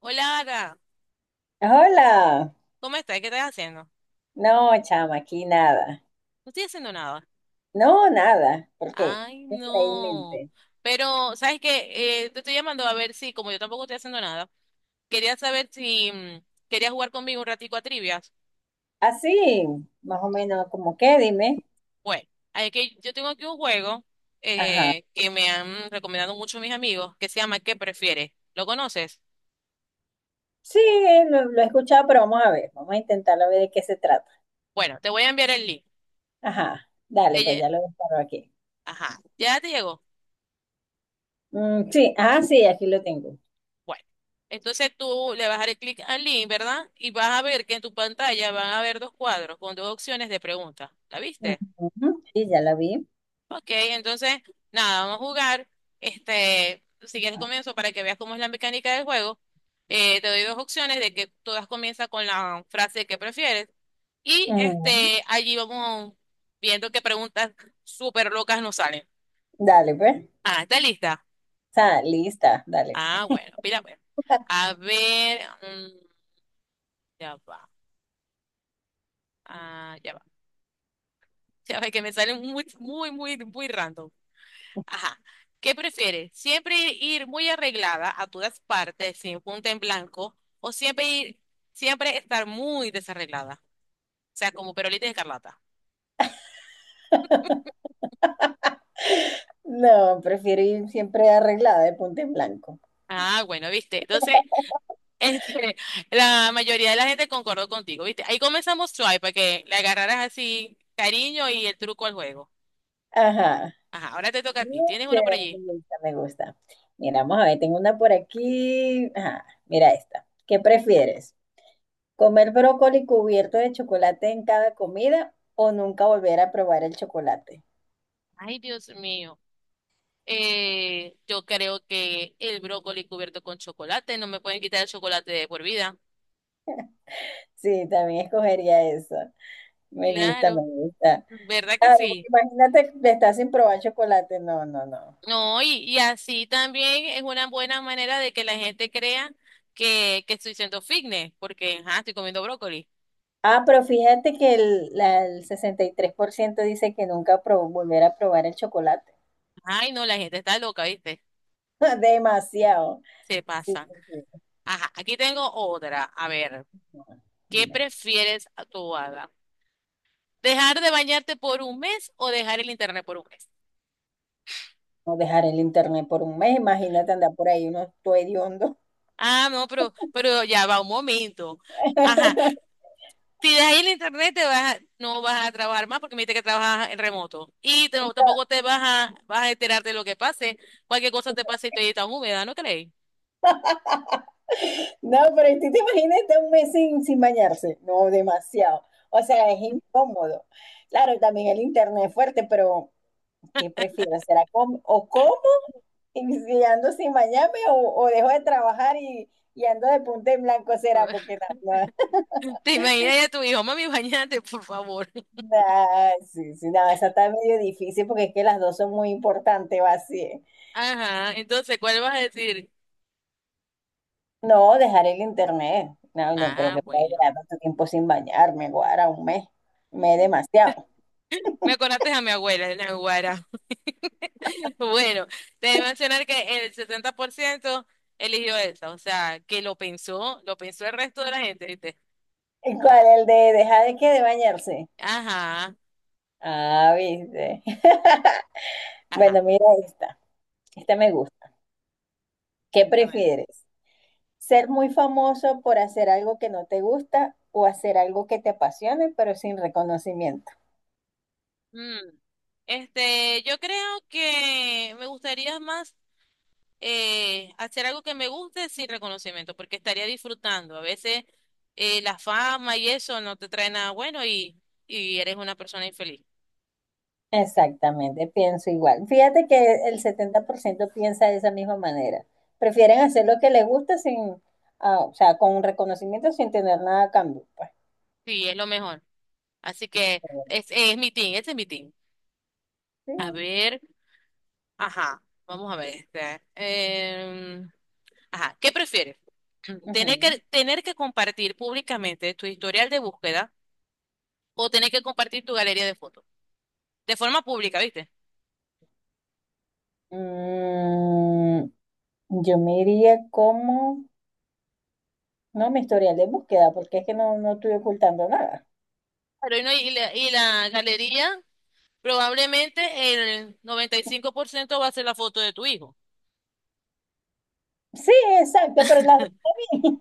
Hola, Ara. Hola. ¿Cómo estás? ¿Qué estás haciendo? No, chama, aquí nada. No estoy haciendo nada. No, nada. ¿Por qué? Ay, ¿Qué por ahí en no. mente? Pero, ¿sabes qué? Te estoy llamando a ver si, como yo tampoco estoy haciendo nada, quería saber si querías jugar conmigo un ratico a trivias. Así, más o menos, como que, dime. Bueno, hay que, yo tengo aquí un juego Ajá. Que me han recomendado mucho mis amigos que se llama ¿Qué prefieres? ¿Lo conoces? Sí, lo he escuchado, pero vamos a ver. Vamos a intentarlo a ver de qué se trata. Bueno, te voy a enviar el link. Ajá. Dale, pues Ella, ya lo disparo aquí. ajá, ya te llegó. Sí, sí, aquí lo tengo. Bueno, entonces tú le vas a dar clic al link, ¿verdad? Y vas a ver que en tu pantalla van a haber dos cuadros con dos opciones de preguntas. ¿La viste? Ujú. Sí, ya la vi. Ok, entonces, nada, vamos a jugar. Este, si quieres comienzo para que veas cómo es la mecánica del juego. Te doy dos opciones de que todas comienzan con la frase que prefieres. Y Ujú. este, allí vamos viendo qué preguntas súper locas nos salen. Dale, pues. Ah, ¿está lista? Está lista, dale. Ah, bueno, mira, pues. A ver, ya va. Ah, ya va. Ya ve que me salen muy, muy, muy, muy random. Ajá. ¿Qué prefieres? ¿Siempre ir muy arreglada a todas partes, sin punta en blanco, o siempre ir, siempre estar muy desarreglada? O sea, como perolita de escarlata. No, prefiero ir siempre arreglada de punto en blanco. Ah, bueno, viste. Entonces, este, la mayoría de la gente concordó contigo, viste. Ahí comenzamos suave para que le agarraras así cariño y el truco al juego. Ajá. Ajá, ahora te toca a ti. ¿Tienes uno por Chévere, me allí? gusta, me gusta. Mira, vamos a ver, tengo una por aquí. Ajá, mira esta. ¿Qué prefieres? ¿Comer brócoli cubierto de chocolate en cada comida o nunca volver a probar el chocolate? Ay, Dios mío. Yo creo que el brócoli cubierto con chocolate, no me pueden quitar el chocolate de por vida. Sí, también escogería eso. Me gusta, me Claro, gusta. ¿verdad que Claro, porque sí? imagínate, que estás sin probar chocolate. No, no, no. No, y así también es una buena manera de que la gente crea que estoy siendo fitness, porque ajá, estoy comiendo brócoli. Ah, pero fíjate que el 63% dice que nunca pro- volver a probar el chocolate. Ay, no, la gente está loca, ¿viste? Demasiado. Se Sí, pasa. sí, sí. Ajá, aquí tengo otra. A ver, No, ¿qué dime. prefieres a tu hada? ¿Dejar de bañarte por un mes o dejar el internet por un mes? No, dejar el internet por un mes, imagínate andar por ahí uno todo hediondo. Ah, no, pero ya va un momento. Ajá, si dejas ahí el internet, te vas, a- no vas a trabajar más porque me dijiste que trabajas en remoto. Y te- no- tampoco te vas a, vas a enterar de lo que pase. Cualquier cosa te pase y te tan húmeda, ¿no crees? No, pero tú te imagínate un mes sin bañarse. No, demasiado. O sea, es incómodo. Claro, también el internet es fuerte, pero ¿qué prefiero? ¿Será com- o como y si ando sin bañarme o dejo de trabajar y ando de punta en blanco? ¿Será? Porque no, no, Te imaginas ya tu hijo, mami, bañate, por favor. no, sí, sí, no, esa está medio difícil porque es que las dos son muy importantes, va así. Ajá, entonces, ¿cuál vas a decir? No, dejar el internet. No, no creo Ah, que pueda bueno. durar tanto tiempo sin bañarme, guara, un mes. Un mes demasiado. Me acordaste a mi abuela, la Guara. Bueno, te voy a mencionar que el 70% eligió esa, o sea, que lo pensó el resto de la gente, ¿viste? ¿Y cuál? ¿El de dejar de qué? De bañarse. Ajá, Ah, viste. ajá. Bueno, mira esta. Esta me gusta. ¿Qué prefieres? ¿Ser muy famoso por hacer algo que no te gusta o hacer algo que te apasione pero sin reconocimiento? Mm, este, yo creo que me gustaría más hacer algo que me guste sin reconocimiento, porque estaría disfrutando. A veces la fama y eso no te trae nada bueno y eres una persona infeliz. Exactamente, pienso igual. Fíjate que el 70% piensa de esa misma manera. Prefieren hacer lo que les gusta sin, ah, o sea, con reconocimiento sin tener nada a cambio, pues. Sí, es lo mejor. Así que es mi team, ese es mi team. Sí. A ver, ajá, vamos a ver. Ajá, ¿qué prefieres? Ujú. Tener que compartir públicamente tu historial de búsqueda o tener que compartir tu galería de fotos de forma pública, ¿viste? Mm, yo me iría como, no, mi historial de búsqueda, porque es que no estoy ocultando nada. Pero y, no- y la galería, probablemente el 95% va a ser la foto de tu hijo. Sí, exacto, pero las... dos.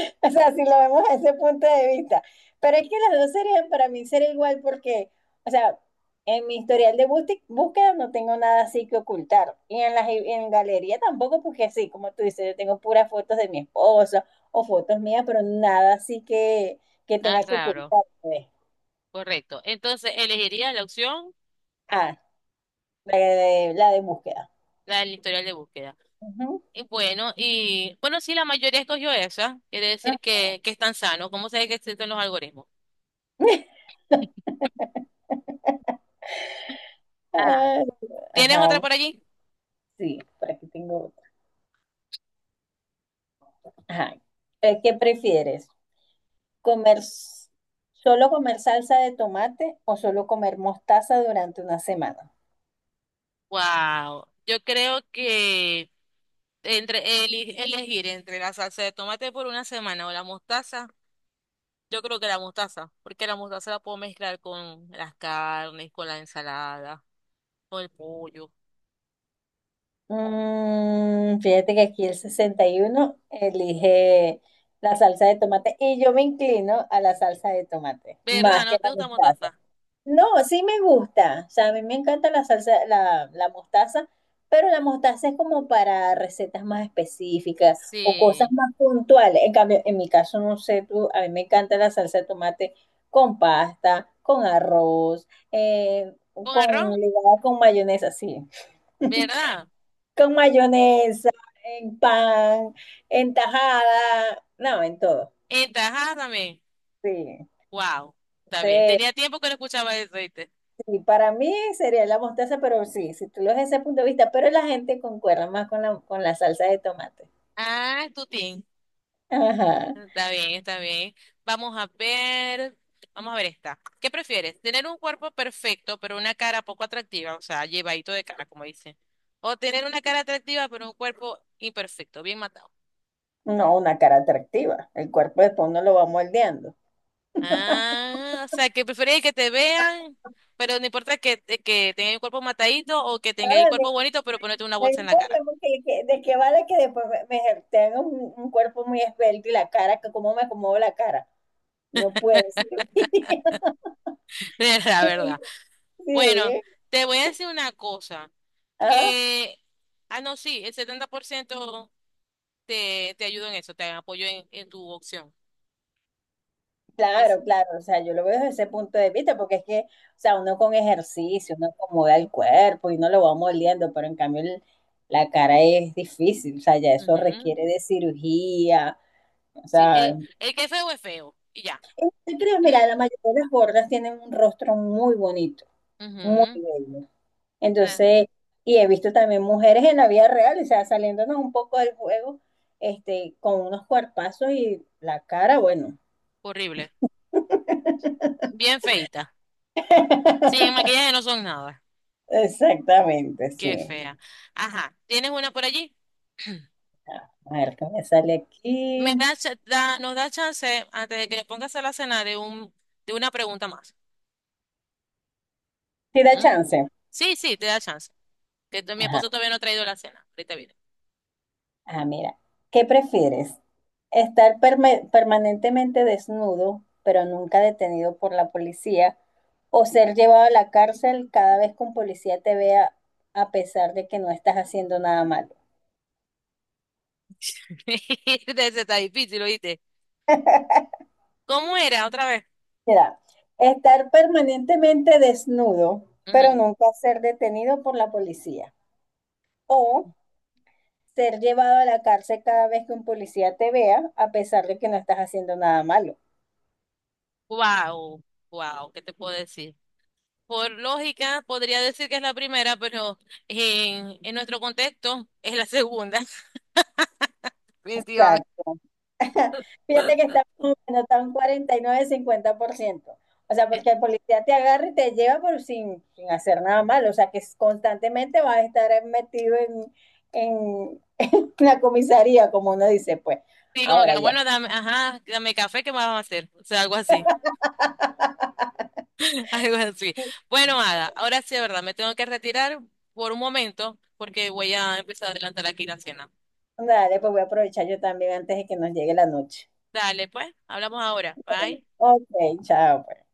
O sea, si lo vemos desde ese punto de vista. Pero es que las dos serían para mí ser igual porque, o sea, en mi historial de búsqueda no tengo nada así que ocultar. Y en galería tampoco, porque sí, como tú dices, yo tengo puras fotos de mi esposo o fotos mías, pero nada así que Ah, tenga que claro, ocultar, pues. correcto. Entonces, elegirías la opción, Ah, la de búsqueda. la del historial de búsqueda. Ujú. Y bueno, sí, la mayoría escogió esa, quiere Ah. decir que están sanos. ¿Cómo se ve que existen los algoritmos? Ah, Ay, ¿tienes ajá, otra vamos, por allí? sí, por aquí tengo otra. Ajá. ¿Qué prefieres? Comer, s- Solo comer salsa de tomate o solo comer mostaza durante una semana. Wow, yo creo que entre eli- elegir entre la salsa de tomate por una semana o la mostaza. Yo creo que la mostaza, porque la mostaza la puedo mezclar con las carnes, con la ensalada, con el pollo. Fíjate que aquí el 61 elige la salsa de tomate y yo me inclino a la salsa de tomate, ¿Verdad? más que ¿No te la gusta mostaza. mostaza? No, sí me gusta. O sea, a mí me encanta la mostaza, pero la mostaza es como para recetas más específicas o cosas Sí. más puntuales. En cambio, en mi caso, no sé tú, a mí me encanta la salsa de tomate con pasta, con arroz, ¿Con con arroz? ligada con mayonesa, sí. ¿Verdad? Con mayonesa, en pan, en tajada, no, en todo. En tajada también. Sí, Wow. Está bien. sí. Tenía tiempo que no escuchaba eso, ¿viste? Sí, para mí sería la mostaza, pero sí, si tú lo ves desde ese punto de vista, pero la gente concuerda más con con la salsa de tomate. Ah, es tu team. Ajá. Está bien, está bien. Vamos a ver. Vamos a ver esta. ¿Qué prefieres? ¿Tener un cuerpo perfecto, pero una cara poco atractiva? O sea, llevadito de cara, como dicen. O tener una cara atractiva, pero un cuerpo imperfecto, bien matado. No, una cara atractiva. El cuerpo después uno lo va moldeando. Ah, o sea, que preferís que te vean, pero no importa que, te- que tenga el cuerpo matadito o que tenga el Ahora, me, cuerpo bonito, pero me- ponerte una Me bolsa en la importa cara. porque de qué vale que después me tenga un cuerpo muy esbelto y la cara, que cómo me acomodo la cara. No puedo. Es la verdad. Bueno, Sí. Sí. te voy a decir una cosa, que, ah, no, sí, el 70% te ayuda en eso, te apoyo en tu opción. Es- Claro, claro, o sea, yo lo veo desde ese punto de vista, porque es que, o sea, uno con ejercicio, uno acomoda el cuerpo y no lo va moliendo, pero la cara es difícil, o sea, ya eso ujú, requiere de cirugía, o sí, sea, no el que es feo, y ya. te crees, mira, la mayoría de las gordas tienen un rostro muy bonito, muy Ujú, bello. ah, Entonces, y he visto también mujeres en la vida real, o sea, saliéndonos un poco del juego, este, con unos cuerpazos y la cara, bueno. horrible. Bien feita. Sí, en maquillaje no son nada. Exactamente, Qué sí. fea. Ajá, ¿tienes una por allí? A ver, ¿qué me sale aquí? Me da, cha- da- nos da chance, antes de que le pongas a la cena, de un, de una pregunta más. Si da ¿Mm? chance. Sí, sí, te da chance. Que t- mi Ajá. esposo todavía no ha traído la cena. Ahorita viene. Ah, mira. ¿Qué prefieres? ¿Estar permanentemente desnudo, pero nunca detenido por la policía? ¿O ser llevado a la cárcel cada vez que un policía te vea a pesar de que no estás haciendo nada malo? Ese está difícil, ¿oíste? ¿Cómo era otra vez? Mira, estar permanentemente desnudo, pero nunca ser detenido por la policía. O ser llevado a la cárcel cada vez que un policía te vea a pesar de que no estás haciendo nada malo. Wow, wow, ¿qué te puedo decir? Por lógica, podría decir que es la primera, pero en nuestro contexto es la segunda. Definitivamente. Exacto. Fíjate que está más o menos, está un 49-50%. O sea, Eh, porque el policía te agarra y te lleva por sin hacer nada malo. O sea, constantemente vas a estar metido en la comisaría, como uno dice, pues. Sí, como que, Ahora "Ah, ya. bueno, dame, ajá, dame café, ¿qué más vamos a hacer?" O sea, algo así. Algo así. Bueno, Ada, ahora sí, de verdad, me tengo que retirar por un momento porque voy a empezar a adelantar aquí la cena. Dale, pues voy a aprovechar yo también antes de que nos llegue la noche. Dale, pues, hablamos ahora. Bye. Ok, chao, pues.